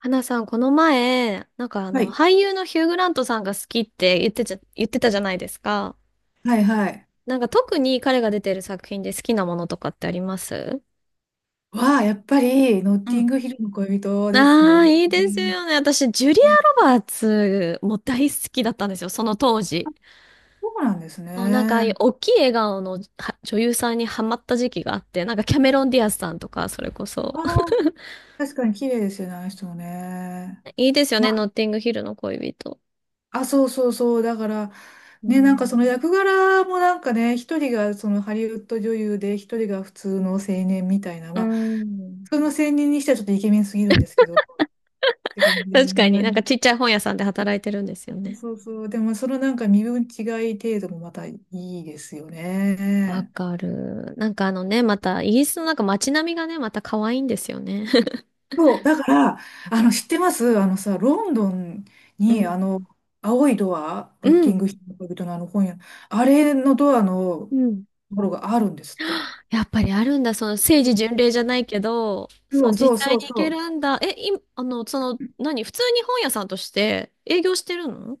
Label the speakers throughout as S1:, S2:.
S1: 花さん、この前、
S2: はい。
S1: 俳優のヒュー・グラントさんが好きって言ってちゃ、言ってたじゃないですか。
S2: はいはい。
S1: なんか特に彼が出てる作品で好きなものとかってあります？
S2: やっぱり、ノッ
S1: う
S2: ティン
S1: ん。
S2: グヒルの恋人です
S1: あ
S2: ね。
S1: あー、いい
S2: う
S1: です
S2: ん
S1: よね。私、ジュリア・ロバーツも大好きだったんですよ、その当時。
S2: そうなんです
S1: そう、なんか、ああいう
S2: ね。
S1: 大きい笑顔の女優さんにハマった時期があって、なんかキャメロン・ディアスさんとか、それこそ。
S2: ああ、確かに綺麗ですよね、あの人もね。
S1: いいですよ
S2: ま
S1: ね、ノッティングヒルの恋人。
S2: あ、そうそうそう。だから、
S1: う
S2: ね、なんかその
S1: ん。
S2: 役柄もなんかね、一人がそのハリウッド女優で、一人が普通の青年みたいな、
S1: う
S2: まあ、
S1: ん。
S2: 普通の青年にしてはちょっとイケメンすぎるんですけど、って感じ で
S1: 確かになんか
S2: ね。
S1: ちっちゃい本屋さんで働いてるんですよ
S2: そう
S1: ね。
S2: そうそう。でも、そのなんか身分違い程度もまたいいですよ
S1: わ
S2: ね。
S1: かる。また、イギリスのなんか街並みがね、また可愛いんですよね。
S2: そう、だから、あの、知ってます？あのさ、ロンドン
S1: う
S2: に、
S1: ん。
S2: あの、青いドア、
S1: う
S2: ロッキン
S1: ん。
S2: グヒルの恋人のあの本屋、あれのドアの
S1: う
S2: と
S1: ん。
S2: ころがあるんですって。
S1: やっぱりあるんだ。その政治巡礼じゃないけど、そ
S2: そう
S1: の
S2: そ
S1: 実
S2: う
S1: 際
S2: そう
S1: に行
S2: そ
S1: け
S2: う。
S1: るんだ。え、い、あの、その、何普通に本屋さんとして営業してるの？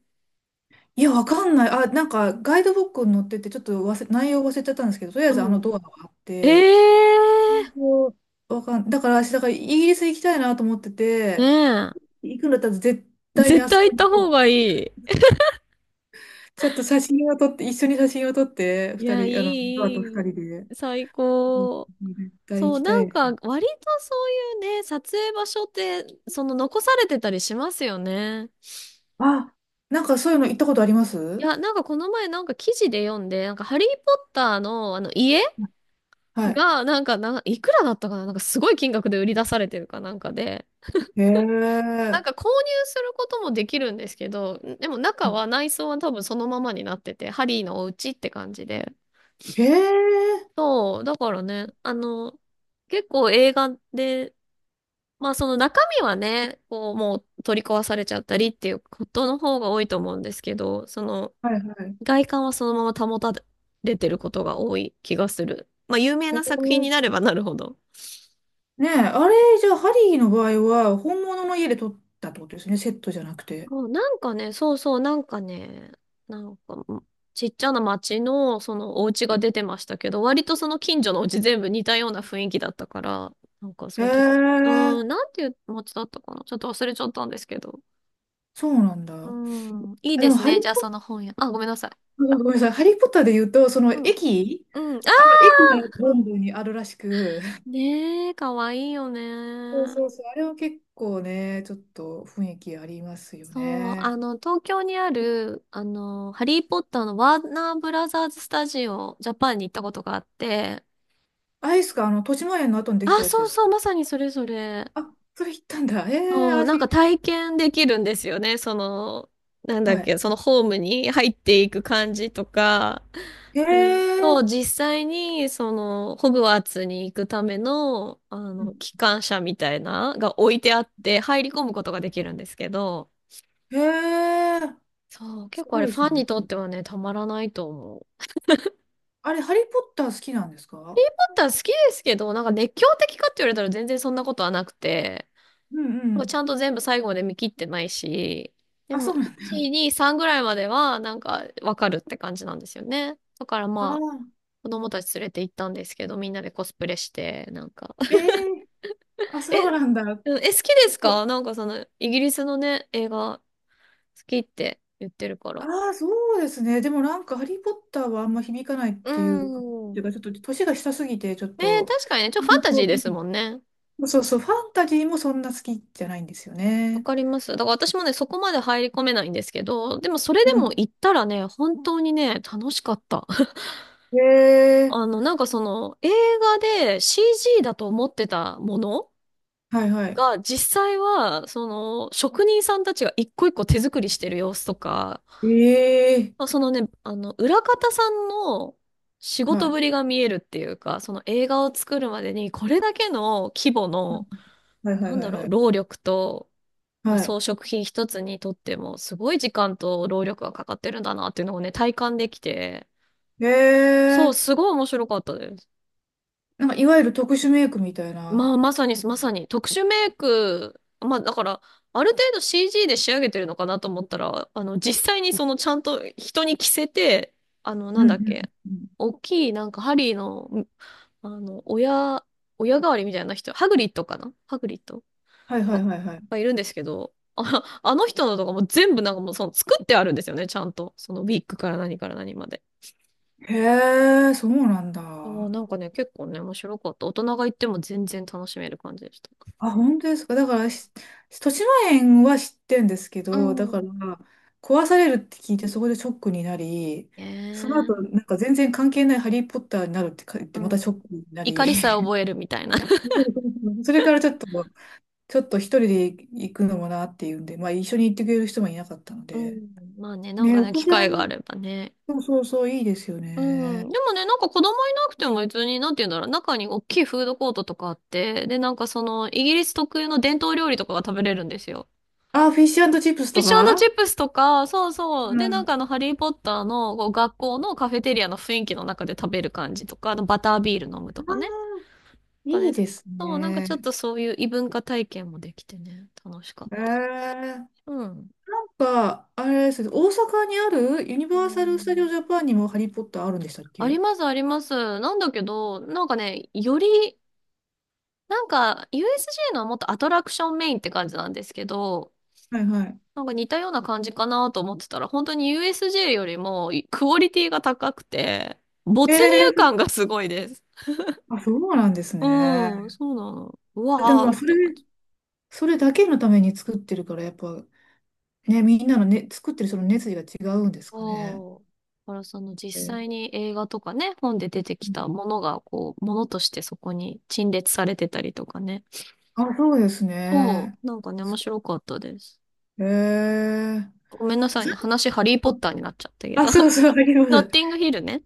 S2: いや、わかんない。あ、なんか、ガイドブックに載ってて、ちょっと忘れ、内容忘れちゃったんですけど、とりあえずあの
S1: う
S2: ドアがあっ
S1: ん。
S2: て、
S1: ええ
S2: そう。わかん、だから、私、だから、イギリス行きたいなと思って
S1: ー、ね
S2: て、
S1: え。
S2: 行くんだったら絶対に
S1: 絶
S2: あそ
S1: 対
S2: こ
S1: 行っ
S2: に
S1: た
S2: 行こ
S1: 方が
S2: う。
S1: いい。
S2: ちょっと写真を撮って、一緒に写真を撮って、
S1: い
S2: 二
S1: や、い
S2: 人、あの、ドア
S1: い、
S2: と二
S1: い
S2: 人
S1: い
S2: で。
S1: 最
S2: うん。
S1: 高。
S2: 絶対行
S1: そう、
S2: きた
S1: な
S2: い
S1: ん
S2: で
S1: か、
S2: す。
S1: 割とそういうね、撮影場所って、その残されてたりしますよね。
S2: あ、なんかそういうの行ったことありま
S1: い
S2: す？
S1: や、なんかこの前なんか記事で読んで、なんかハリー・ポッターのあの家
S2: はい。
S1: が、なんかな、いくらだったかな、なんかすごい金額で売り出されてるかなんかで、
S2: へ
S1: なんか
S2: え。
S1: 購入することもできるんですけど、でも
S2: あ
S1: 中は内装は多分そのままになってて、ハリーのお家って感じで。
S2: へえ。
S1: そう、だからね、結構映画で、まあその中身はね、こうもう取り壊されちゃったりっていうことの方が多いと思うんですけど、その
S2: はいはい。
S1: 外観はそのまま保たれてることが多い気がする。まあ有名
S2: へ
S1: な作品にな
S2: え。
S1: ればなるほど。
S2: ねえ、あれ、じゃあ、ハリーの場合は、本物の家で撮ったってことですね。セットじゃなくて。
S1: そうなんかね、そうそう、なんかね、なんかうんちっちゃな町のそのお家
S2: は
S1: が
S2: い。
S1: 出てましたけど、割とその近所のお家全部似たような雰囲気だったから、なんか
S2: へ
S1: そういうと、うー
S2: え。
S1: ん、なんていう町だったかなちょっと忘れちゃったんですけど。
S2: そうなん
S1: うー
S2: だ。
S1: ん、いい
S2: あ、で
S1: で
S2: も、
S1: す
S2: ハリ
S1: ね。
S2: ー
S1: じゃあ
S2: ポ
S1: そ
S2: ッ
S1: の本屋。あ、ごめんなさい。
S2: ター、ごめんなさい。ハリーポッターで言うと、その
S1: うん。
S2: 駅、
S1: うん。あ、
S2: あの、駅がロンドンにあるらしく、
S1: ねえ、かわいいよ
S2: そう
S1: ね。
S2: そうそう。あれは結構ね、ちょっと雰囲気ありますよ
S1: そう、
S2: ね。
S1: 東京にある、ハリー・ポッターのワーナーブラザーズスタジオ、ジャパンに行ったことがあって、
S2: アイスか、あの、としまえんの後にできた
S1: あ、
S2: やつ
S1: そ
S2: で
S1: う
S2: す
S1: そ
S2: か？
S1: う、まさにそれそれ。
S2: あ、それ行ったんだ。ええ
S1: そ
S2: ー、
S1: う、なんか
S2: 足、
S1: 体験できるんですよね。その、なんだ
S2: は
S1: っ
S2: い。
S1: け、そのホームに入っていく感じとか、
S2: ええ
S1: で、と、
S2: ー、
S1: 実際に、その、ホグワーツに行くための、あの、機関車みたいな、が置いてあって、入り込むことができるんですけど、
S2: ええー、
S1: そう、結
S2: す
S1: 構あ
S2: ご
S1: れ、
S2: いで
S1: フ
S2: す
S1: ァン
S2: ね。
S1: にとってはね、たまらないと思う。
S2: あれ、ハリー・ポッター好きなんです
S1: だ
S2: か？
S1: ったら好きですけど、なんか熱狂的かって言われたら全然そんなことはなくて、
S2: うんう
S1: なんか
S2: ん。
S1: ちゃんと全部最後まで見切ってないし、で
S2: あ、
S1: も、
S2: そうなんだ。
S1: 1、2、3ぐらいまでは、なんか、わかるって感じなんですよね。だから
S2: あ
S1: まあ、
S2: あ、
S1: 子供たち連れて行ったんですけど、みんなでコスプレして、なんか、
S2: ええー、あ、そう
S1: え、
S2: なんだ。
S1: うんえ、好きで
S2: 結
S1: す
S2: 構、
S1: か？なんかその、イギリスのね、映画、好きって言ってるから。
S2: ああ、そうですね。でもなんか、ハリー・ポッターはあんま響かないっ
S1: うー
S2: ていうか、
S1: ん。
S2: ちょっと、年が下すぎて、ちょっ
S1: ね、
S2: と、
S1: 確かにね、ちょっ
S2: 本
S1: とファンタ
S2: 当。
S1: ジー
S2: う
S1: で
S2: ん。
S1: すもんね。
S2: そうそう、ファンタジーもそんな好きじゃないんですよ
S1: わ
S2: ね。
S1: かります。だから私もね、そこまで入り込めないんですけど、でもそれ
S2: う
S1: でも
S2: ん。
S1: 行ったらね、本当にね、楽しかった。
S2: ええ。
S1: あの、なんかその、映画で CG だと思ってたもの
S2: はいはい。
S1: が、実際は、その、職人さんたちが一個一個手作りしてる様子とか、
S2: ええ。
S1: そうそのね、あの、裏方さんの仕
S2: は
S1: 事
S2: い。
S1: ぶりが見えるっていうか、その映画を作るまでに、これだけの規模の、
S2: はいは
S1: な
S2: い
S1: ん
S2: は
S1: だ
S2: い
S1: ろ
S2: は
S1: う、
S2: い。
S1: 労力と、まあ、
S2: は
S1: 装
S2: い。
S1: 飾品一つにとっても、すごい時間と労力がかかってるんだなっていうのをね、体感できて、そ
S2: え
S1: う、
S2: え。
S1: すごい面白かったです。
S2: なんかいわゆる特殊メイクみたいな。
S1: まあ、まさに、まさに、特殊メイク、まあ、だから、ある程度 CG で仕上げてるのかなと思ったら、あの、実際にその、ちゃんと人に着せて、あの、
S2: う
S1: なん
S2: んう
S1: だっ
S2: ん
S1: け、
S2: うんうん。
S1: 大きい、なんか、ハリーの、あの、親代わりみたいな人、ハグリッド
S2: はいは
S1: が、
S2: いはいはい。
S1: いるんですけど、あの人のとかも全部なんかもう、その、作ってあるんですよね、ちゃんと。その、ウィッグから何から何まで。
S2: へえ、そうなんだ。
S1: そうなんかね、結構ね、面白かった。大人が行っても全然楽しめる感じでした。
S2: あ、本当ですか。だから、豊島園は知ってんですけ
S1: う
S2: ど、だから、
S1: ん。
S2: 壊されるって聞いて、そこでショックになり、
S1: ね
S2: その後、
S1: え。
S2: なんか全然関係ないハリー・ポッターになるって言っ
S1: う
S2: て、またショ
S1: ん。
S2: ックにな
S1: 怒
S2: り、
S1: りさえ覚えるみたいな。
S2: それからちょっと、一人で行くのもなっていうんで、まあ一緒に行ってくれる人もいなかったの
S1: う
S2: で。
S1: ん。まあね、なん
S2: ね、
S1: か
S2: お
S1: ね、
S2: 子
S1: 機
S2: さ
S1: 会があ
S2: ん、
S1: ればね。
S2: そうそうそう、いいですよ
S1: うん。
S2: ね。
S1: でもね、なんか子供いなくても別に、なんて言うんだろう、中に大きいフードコートとかあって、で、なんかその、イギリス特有の伝統料理とかが食べれるんですよ。
S2: あ、フィッシュチップス
S1: フィ
S2: と
S1: ッシュチ
S2: か。
S1: ップスとか、そうそ
S2: う
S1: う。で、なん
S2: ん。
S1: かあの、ハリーポッターのこう学校のカフェテリアの雰囲気の中で食べる感じとか、あのバタービール飲むとか
S2: あ
S1: ね。なん
S2: ー、
S1: か
S2: い
S1: ね、
S2: いです
S1: そう、なんかちょっ
S2: ね。
S1: とそういう異文化体験もできてね、楽しかっ
S2: えー、なん
S1: た。うん。
S2: か、あれですね、大阪にあるユニ
S1: う
S2: バーサル・スタジオ・
S1: ん。
S2: ジャパンにもハリー・ポッターあるんでしたっ
S1: あり
S2: け？
S1: ます、あります。なんだけど、なんかね、より、なんか、USJ のはもっとアトラクションメインって感じなんですけど、
S2: はいはい。
S1: なんか似たような感じかなと思ってたら、本当に USJ よりもクオリティが高くて、
S2: え
S1: 没入
S2: ー、
S1: 感がすごいです。
S2: あ、そうなんです
S1: うん、
S2: ね。
S1: そうなの。う
S2: でも
S1: わ
S2: ま
S1: ー
S2: あ、
S1: って感じ。
S2: それだけのために作ってるから、やっぱ、ね、みんなのね、作ってるその熱意が違うんですかね。
S1: そう。だからその実
S2: えー、
S1: 際に映画とかね、本で出てきたものが、こう、ものとしてそこに陳列されてたりとかね。
S2: あ、そうです
S1: そ
S2: ね。
S1: う、なんかね、面白かったです。
S2: へえ。
S1: ごめんなさいね。話、ハリーポッターになっちゃったけど。
S2: あ、そうそう、ありま
S1: ノッ
S2: す。
S1: ティングヒルね。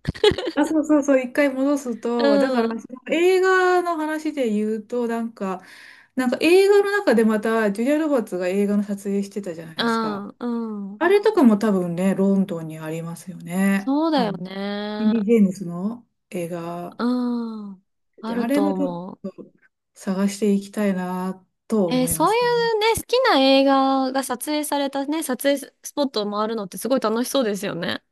S2: あ、そうそうそう、一回戻すと、だか
S1: う
S2: ら、
S1: ん、
S2: その映画の話で言うと、なんか、映画の中でまた、ジュリア・ロバーツが映画の撮影してたじゃない
S1: う
S2: です
S1: ん、
S2: か。
S1: うん。
S2: あれとかも多分ね、ロンドンにありますよね。
S1: そうだ
S2: あ
S1: よ
S2: の、インデ
S1: ね。
S2: ィ・ジェームスの映画
S1: うん。あ
S2: で、
S1: る
S2: あれ
S1: と
S2: もちょっ
S1: 思う。
S2: と探していきたいなと
S1: えー、
S2: 思いま
S1: そうい
S2: すね。
S1: うね、好きな映画が撮影されたね、撮影スポットを回るのってすごい楽しそうですよね。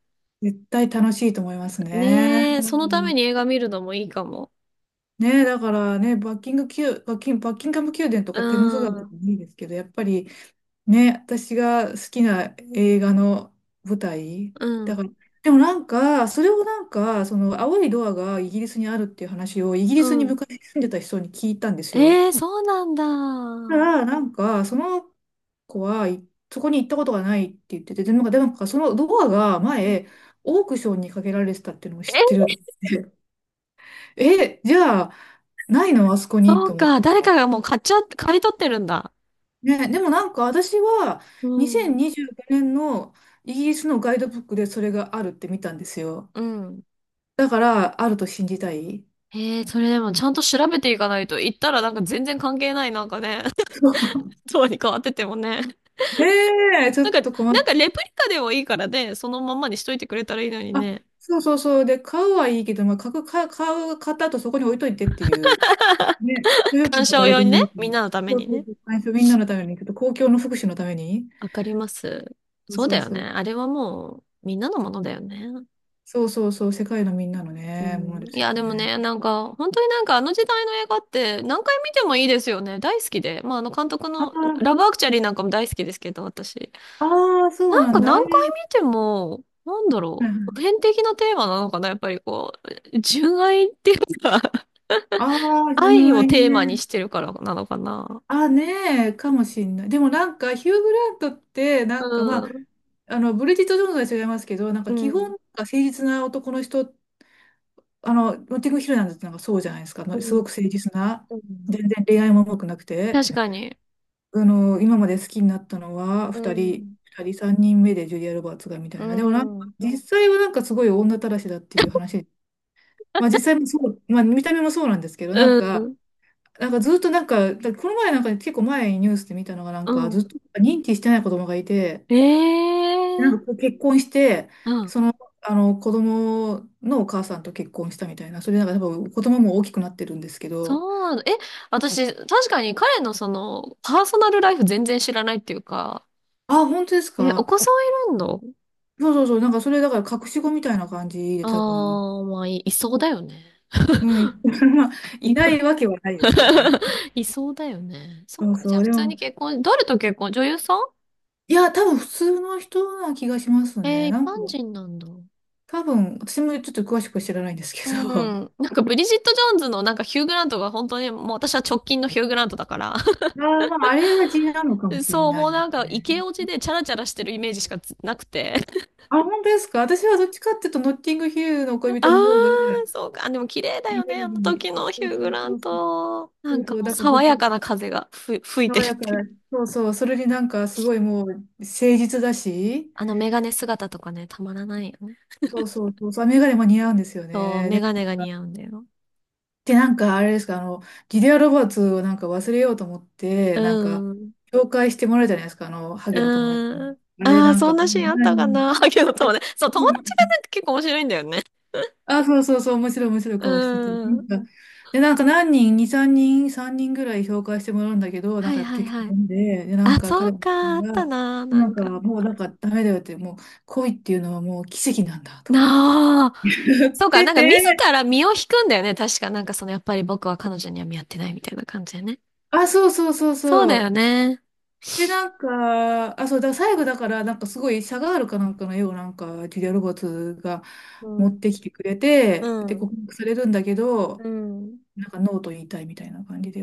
S2: 絶対楽しいと思いますね。
S1: ねえ、そのために映画見るのもいいかも。
S2: ねえ、だからね、バッキンガム宮殿と
S1: う
S2: かテムズ川とか
S1: ん、
S2: もいいですけど、やっぱりね、私が好きな映画の舞台。
S1: う
S2: だから、
S1: ん、
S2: でもなんか、それをなんか、その青いドアがイギリスにあるっていう話をイギリ
S1: う
S2: スに
S1: ん。
S2: 昔住んでた人に聞いたんですよ。
S1: えー、そうなんだ。
S2: だから、なんか、その子はい、そこに行ったことがないって言ってて、でもなんかそのドアが前、オークションにかけられてたっていうのを知って
S1: え、
S2: ると思って。え、じゃあ、ないのあそこに
S1: そ
S2: と
S1: う
S2: 思っ
S1: か。
S2: て。
S1: 誰かがもう買っちゃ、買い取ってるんだ。
S2: ね、でもなんか私は
S1: うん、
S2: 2025年のイギリスのガイドブックでそれがあるって見たんですよ。
S1: うん。
S2: だからあると信じたい。
S1: ええ、それでもちゃんと調べていかないと、行ったらなんか全然関係ないなんかね、
S2: そう。
S1: そうに変わっててもね。
S2: ねえ、ちょ
S1: なん
S2: っ
S1: か、
S2: と困っ
S1: なんかレプリカでもいいからね、そのまんまにしといてくれたらいいのに
S2: た。あ、
S1: ね。
S2: そうそうそう。で、買うはいいけど、まあ、買った後そこに置いといてっていう。ね、所有権
S1: 鑑
S2: が
S1: 賞
S2: 誰
S1: 用
S2: で
S1: に
S2: も
S1: ね、
S2: いいか
S1: みん
S2: ら。
S1: なのため
S2: そう
S1: に
S2: そう
S1: ね。
S2: そう。最初みんなのために、ちょっと公共の福祉のために。
S1: わかります。
S2: そう
S1: そう
S2: そ
S1: だ
S2: う
S1: よ
S2: そ
S1: ね。
S2: う。
S1: あれはもう、みんなのものだよね。
S2: そうそうそう。世界のみんなの
S1: う
S2: ね、もの
S1: ん。
S2: で
S1: い
S2: すよ
S1: や、でも
S2: ね。
S1: ね、なんか、本当になんかあの時代の映画って何回見てもいいですよね。大好きで。まあ、あの監督
S2: あ
S1: の、ラ
S2: あ、
S1: ブアクチャリーなんかも大好きですけど、私。
S2: ああ、そう
S1: なん
S2: な
S1: か
S2: んだ。あ
S1: 何
S2: れ。
S1: 回見ても、なんだろう、普遍的なテーマなのかな、やっぱりこう、純愛っていうか、
S2: ああ、
S1: 愛
S2: 純
S1: を
S2: 愛
S1: テーマに
S2: ね。
S1: してるからなのかな。
S2: あ、ねえ、かもしんない。でもなんか、ヒュー・グラントって、な
S1: う
S2: んかまあ、
S1: ん、
S2: あの、ブリジット・ジョーンズは違いますけど、なん
S1: う
S2: か基本、
S1: ん、
S2: なんか誠実な男の人、あの、ノッティングヒルなんてなんかそうじゃないですか。
S1: う
S2: す
S1: ん、
S2: ごく誠実な。
S1: うん、
S2: 全然恋愛も重くなくて。
S1: 確かに。
S2: あの、今まで好きになったのは、
S1: う
S2: 2人、
S1: ん、
S2: 2人、3人目でジュリア・ロバーツがみた
S1: う
S2: いな。でもなんか、
S1: ん。
S2: 実際はなんかすごい女たらしだっていう話。まあ実際もそう、まあ見た目もそうなんですけど、
S1: う
S2: なんか、
S1: ん、
S2: ずっとなんか、この前なんかね結構前にニュースで見たのがなん
S1: う
S2: かずっ
S1: ん。
S2: と認知してない子供がいて、
S1: え
S2: なん
S1: え
S2: か結婚して、
S1: うん。
S2: その、あの子供のお母さんと結婚したみたいな、それなんか多分子供も大きくなってるんですけ
S1: そ
S2: ど、
S1: うなの。え、私、確かに彼のその、パーソナルライフ全然知らないっていうか、
S2: あ、本当です
S1: え、お
S2: か？
S1: 子さんいるんだ。
S2: そうそうそう、なんかそれだから隠し子みたいな感じで
S1: あ
S2: 多分、
S1: あ、いそうだよね。
S2: うん、まあ、いないわけはないですけどね。
S1: いそうだよね。そっ
S2: そう
S1: か、じ
S2: そ
S1: ゃあ
S2: う、
S1: 普
S2: で
S1: 通に
S2: も、
S1: 結婚、誰と結婚女優さん？
S2: いや、多分普通の人な気がします
S1: え
S2: ね。
S1: ー、一
S2: なんか、
S1: 般人なんだ。
S2: 多分、私もちょっと詳しくは知らないんですけ
S1: う
S2: ど、
S1: ん。なんかブリジット・ジョーンズのなんかヒュー・グラントが本当にもう私は直近のヒュー・グラントだから、
S2: ああ、まあ、あれが地なのかも しれ
S1: そう、
S2: ない
S1: もう
S2: で
S1: なん
S2: す
S1: かイ
S2: ね。
S1: ケオジでチャラチャラしてるイメージしかつなくて。
S2: あ、本当ですか？私はどっちかっていうと、ノッティングヒルの 恋
S1: あ
S2: 人の方が、イ
S1: ー、そうか。でも綺麗だ
S2: メ
S1: よね、あの
S2: ージ、
S1: 時の
S2: そ
S1: ヒュ
S2: う
S1: ー・
S2: そ
S1: グ
S2: う
S1: ラ
S2: そ
S1: ン
S2: うそう、
S1: ト。な
S2: そう
S1: ん
S2: そ
S1: か
S2: う
S1: もう
S2: だから
S1: 爽
S2: 僕、
S1: やかな風が吹いて
S2: 爽
S1: るっ
S2: やか
S1: ていう。
S2: な、そうそう、それになんかすごいもう、誠実だし、
S1: あのメガネ姿とかね、たまらないよね。
S2: そうそうそう、そう、メガネも似合うんですよ
S1: そう、
S2: ね。
S1: メガネが似合うんだよ。
S2: でなんかあれですか、あの、ギデア・ロバーツをなんか忘れようと思って、
S1: う
S2: なんか、
S1: ん。
S2: 紹介してもらうじゃないですか、あの、ハゲの友達に。
S1: うーん。
S2: あれ
S1: ああ、
S2: なん
S1: そ
S2: か、
S1: んなシーンあったか
S2: 何
S1: な。ハゲの友達。そう、友達がなんか結構面白いんだよね。
S2: あ、そうそうそう、面白い面白い
S1: う
S2: 顔してて。
S1: ーん。
S2: で、なんか何人、2、3人ぐらい紹介してもらうんだけど、な
S1: は
S2: んか
S1: い
S2: やっぱ
S1: はい
S2: 結局
S1: はい。
S2: ダメで、で、なん
S1: あ、
S2: か
S1: そ
S2: 彼
S1: う
S2: が、
S1: か、あったな、な
S2: な
S1: ん
S2: んか
S1: か。
S2: もうなんかダメだよって、もう恋っていうのはもう奇跡なんだとか言
S1: なあ。
S2: って。
S1: そう か、
S2: 言って
S1: なんか自
S2: て、
S1: ら身を引くんだよね、確か。なんかその、やっぱり僕は彼女には見合ってないみたいな感じだよね。
S2: あ、そうそうそう
S1: そう
S2: そ
S1: だよ
S2: う。
S1: ね。
S2: で、なんか、あ、そう、だから最後だから、なんかすごいシャガールかなんかのようなんか、ジュリア・ロバーツが
S1: う
S2: 持っ
S1: ん。
S2: てきてくれ
S1: う
S2: て、で、
S1: ん。
S2: 告白されるんだけど、
S1: うん。
S2: なんかノーと言いたいみたいな感じで。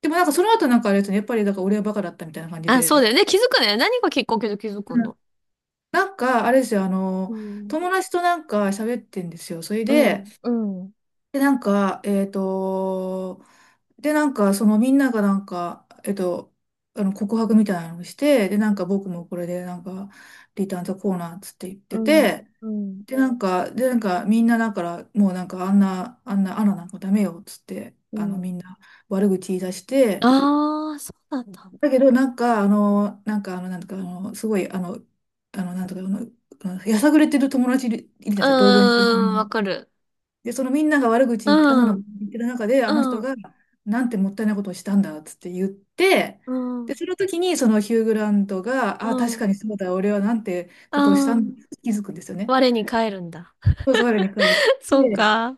S2: でもなんかその後なんかあれですね、やっぱりだから俺はバカだったみたいな感じ
S1: あ、そう
S2: で。
S1: だよね。気づくね。何がきっかけで気づく
S2: うん。
S1: の？
S2: なんか、あれですよ、
S1: うん。
S2: 友達となんか喋ってんですよ。それ
S1: う
S2: で、
S1: ん。うん。
S2: で、なんか、えっと、そのみんながなんか、告白みたいなのをして、で、なんか僕もこれで、なんか、リターンザコーナーっつって言っ
S1: う
S2: て
S1: ん。
S2: て、
S1: うん。
S2: で、なんか、で、なんか、みんなだから、もうなんか、あんな、あんな、アナななんかダメよ、っつって、
S1: う
S2: あの、
S1: ん。
S2: みんな悪口言い出して、
S1: ああ、そうなんだ。
S2: だけど、なんか、あの、なんか、あの、なんとか、あの、すごい、あの、あの、なんとか、あの、あのやさぐれてる友達いるじゃないで
S1: う
S2: すか、同居に。
S1: ーん、わかる。
S2: で、そのみんなが悪口言って、あんな
S1: う
S2: の言
S1: ん、
S2: ってる中で、あの人
S1: うん、
S2: が、なんてもったいないことをしたんだ、つって言って、
S1: う
S2: で、
S1: ん、
S2: その時に、そのヒュー・グラントが、
S1: う
S2: ああ、確か
S1: ん、
S2: にそうだ、俺はなんて
S1: う
S2: ことをしたんだ、
S1: ん。
S2: 気づくんですよね。
S1: 我に返るんだ。
S2: そうそう、我に返っ
S1: そう
S2: て、
S1: か。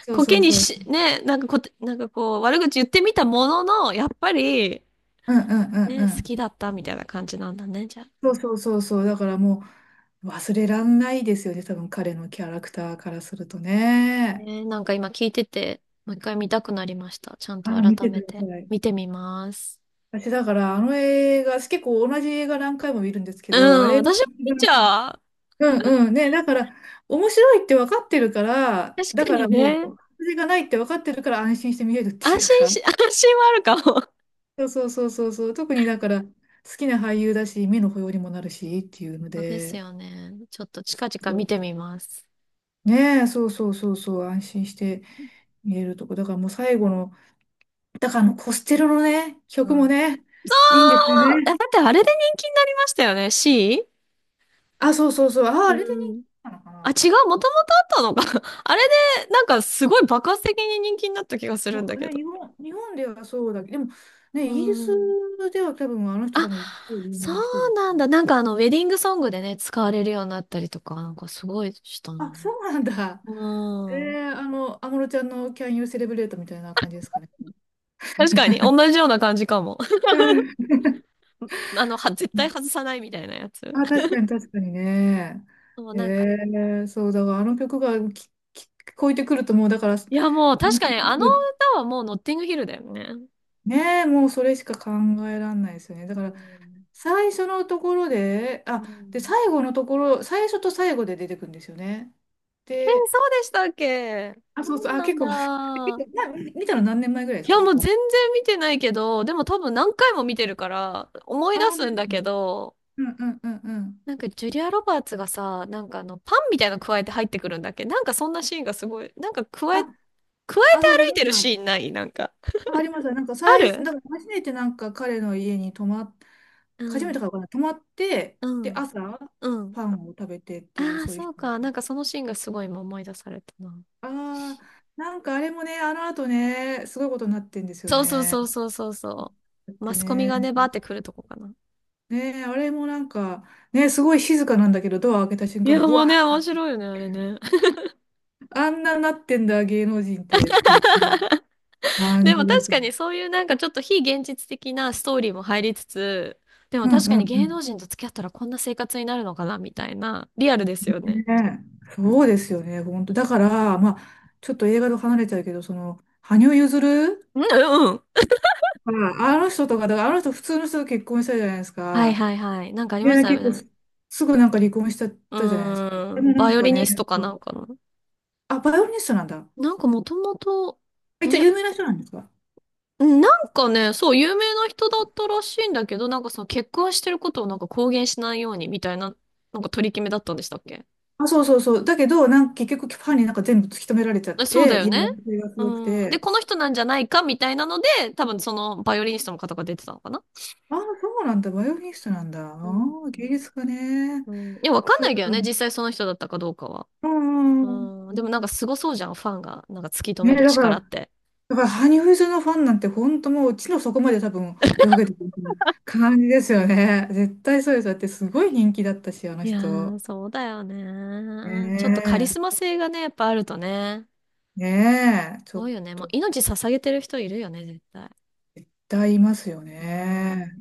S2: そう
S1: コ
S2: そ
S1: ケ
S2: う
S1: に
S2: そう。
S1: し、ね、なんかこう、悪口言ってみたものの、やっぱり、
S2: うんうんうんう
S1: ね、好き
S2: ん。
S1: だったみたいな感じなんだね、じゃあ。
S2: そうそうそうそう。だからもう忘れらんないですよね。多分彼のキャラクターからするとね。
S1: ね、なんか今聞いてて、もう一回見たくなりました。ちゃん
S2: あ
S1: と
S2: ら、見
S1: 改
S2: てく
S1: め
S2: だ
S1: て
S2: さい。
S1: 見てみます。
S2: 私だからあの映画、結構同じ映画何回も見るんですけ
S1: う
S2: ど、あ
S1: ん、
S2: れ、
S1: 私も見ちゃう。
S2: うんうんね。だから面白いって分かってるから、
S1: 確
S2: だ
S1: か
S2: か
S1: に
S2: らもう、
S1: ね。
S2: 外れがないって分かってるから安心して見れるって
S1: 安
S2: いう
S1: 心
S2: か。
S1: し、安心はあるかも。
S2: そうそうそうそうそう。特にだから好きな俳優だし、目の保養にもなるしっていうの
S1: そうです
S2: で、
S1: よね。ちょっと近々
S2: そ
S1: 見
S2: う
S1: てみます。
S2: ねえ、そうそうそうそう、安心して見えるとこ。だからもう最後の、だからあのコステロのね、
S1: う
S2: 曲も
S1: ん。
S2: ね、
S1: そ
S2: いいんですよ
S1: う。え、だっ
S2: ね。
S1: てあれで人気になりましたよね？C?
S2: あ、そうそうそう。あ、
S1: う
S2: あれで人
S1: ん。
S2: 気なのか
S1: あ、
S2: な。
S1: 違う、もともとあったのか。あれで、なんかすごい爆発的に人気になった気がする
S2: な
S1: ん
S2: んか
S1: だけ
S2: ね、
S1: ど。
S2: 日本ではそうだけど、でもね、
S1: う
S2: イギリス
S1: ん。
S2: では多分あの人多
S1: あ、
S2: 分一応有
S1: そ
S2: 名な人で
S1: う
S2: す
S1: なん
S2: ね。
S1: だ。なんかあの、ウェディングソングでね、使われるようになったりとか、なんかすごいしたの
S2: あ、そ
S1: ね。
S2: うなんだ。え
S1: うん。
S2: ー、あの、安室ちゃんの Can You Celebrate みたいな感じですかね。
S1: 確かに、同じような感じかも。あの、は、絶
S2: う
S1: 対
S2: ん。
S1: 外さないみたいなやつ。
S2: あ、確かに確かにね。
S1: もう、
S2: え
S1: なんか、
S2: ー、そう、だからあの曲が聞こえてくるともう、だから、
S1: いや、もう確
S2: 抜
S1: か
S2: け
S1: に、
S2: てく
S1: あの
S2: る
S1: 歌はもうノッティングヒルだよね。
S2: ねえ、もうそれしか考えられないですよね。だ
S1: う
S2: から、
S1: ん。
S2: 最初のところで、
S1: う
S2: あ、で、
S1: ん。
S2: 最後のところ、最初と最後で出てくるんですよね。
S1: えー、
S2: で、
S1: そうでしたっけ？
S2: あ、
S1: そ
S2: そうそう、
S1: う
S2: あ、
S1: なん
S2: 結構、結構
S1: だ。
S2: な。見たの何年前ぐらいで
S1: い
S2: す
S1: や、も
S2: か？
S1: う全然見てないけど、でも多分何回も見てるから、思い
S2: あ、
S1: 出
S2: 本当
S1: す
S2: で
S1: ん
S2: す
S1: だ
S2: か。
S1: けど、
S2: うんうんうんうん。
S1: なんかジュリア・ロバーツがさ、なんかあの、パンみたいなの加えて入ってくるんだっけ？なんかそんなシーンがすごい、
S2: あ、
S1: 加え
S2: あ、
S1: て
S2: そうそう、
S1: 歩い
S2: なん
S1: てる
S2: か、
S1: シーンないなんか？
S2: あありました。なんか、
S1: ある。
S2: なんか初めてなんか彼の家に泊まっ、
S1: う
S2: 初めて
S1: ん、
S2: かわかんない、泊まって、
S1: う
S2: で、
S1: ん、
S2: 朝、
S1: うん。
S2: パンを食べてっていう、
S1: ああ、
S2: そうい
S1: そ
S2: う。
S1: うか。なんかそのシーンがすごい今思い出されたな。
S2: ああ、なんかあれもね、あの後ね、すごいことになってんですよ
S1: そうそう
S2: ね。
S1: そうそうそうそ
S2: だっ
S1: う。マ
S2: て
S1: スコミ
S2: ね、
S1: がね、バーって来るとこかな。
S2: ね、あれもなんか、ね、すごい静かなんだけど、ドア開けた瞬
S1: いや、
S2: 間、ブ
S1: もう
S2: ワー、
S1: ね、面白いよね、あれね。
S2: あんななってんだ、芸能人って、っていう感
S1: で
S2: じ
S1: も確
S2: で。
S1: かにそういうなんかちょっと非現実的なストーリーも入りつつ、でも
S2: うん
S1: 確
S2: う
S1: かに
S2: んう
S1: 芸
S2: ん。
S1: 能人と付き合ったらこんな生活になるのかなみたいな、リアルですよね。
S2: ね、そうですよね、本当。だから、まあ、ちょっと映画と離れちゃうけど、その、羽生結弦
S1: うんうん。
S2: ああの人とか、だからあの人普通の人と結婚したじゃないです
S1: はい
S2: か。
S1: はいはい。なんかありまし
S2: で、
S1: たよ
S2: 結構
S1: ね。
S2: すすぐなんか離婚しちゃっ
S1: う
S2: たじゃないですか。で
S1: ー
S2: も
S1: ん。
S2: な
S1: バ
S2: ん
S1: イオ
S2: か
S1: リニ
S2: ね、
S1: ストかなんかの。
S2: あ、バイオリニストなんだ。
S1: なんかもともと、
S2: 一
S1: バ
S2: 応
S1: イオ
S2: 有名な人なんですか？
S1: うん、なんかね、そう、有名な人だったらしいんだけど、なんかその結婚してることをなんか公言しないようにみたいな、なんか取り決めだったんでしたっけ？
S2: あ、そうそうそう。だけど、なんか結局ファンになんか全部突き止められちゃっ
S1: え、そうだ
S2: て、
S1: よ
S2: 嫌
S1: ね。
S2: がらせがすごく
S1: うん。で、
S2: て。
S1: この人なんじゃないかみたいなので、多分そのバイオリニストの方が出てたのかな。
S2: あ、そうなんだ。バイオリニストなんだ。あ
S1: うん。
S2: あ芸術家ね。
S1: うん。いや、わかん
S2: そ
S1: な
S2: う、
S1: い
S2: だ
S1: けど
S2: から、
S1: ね、実際その人だったかどうかは。
S2: うんうんうん。
S1: うん。でもなんかすごそうじゃん、ファンが。なんか突き止
S2: ね、
S1: める
S2: だから、
S1: 力って。
S2: だから羽生結弦のファンなんて本当もう地の底まで多分泳げてるみたいな感じですよね。絶対そうです。だってすごい人気だったし、あの
S1: いや
S2: 人。
S1: ー、そうだよね。ちょっとカリ
S2: ね
S1: スマ性がね、やっぱあるとね。
S2: ねえ、
S1: す
S2: ちょ
S1: ご
S2: っ
S1: いよね。も
S2: と、
S1: う
S2: 絶
S1: 命捧げてる人いるよね、絶対。
S2: いますよ
S1: う
S2: ね。
S1: ん。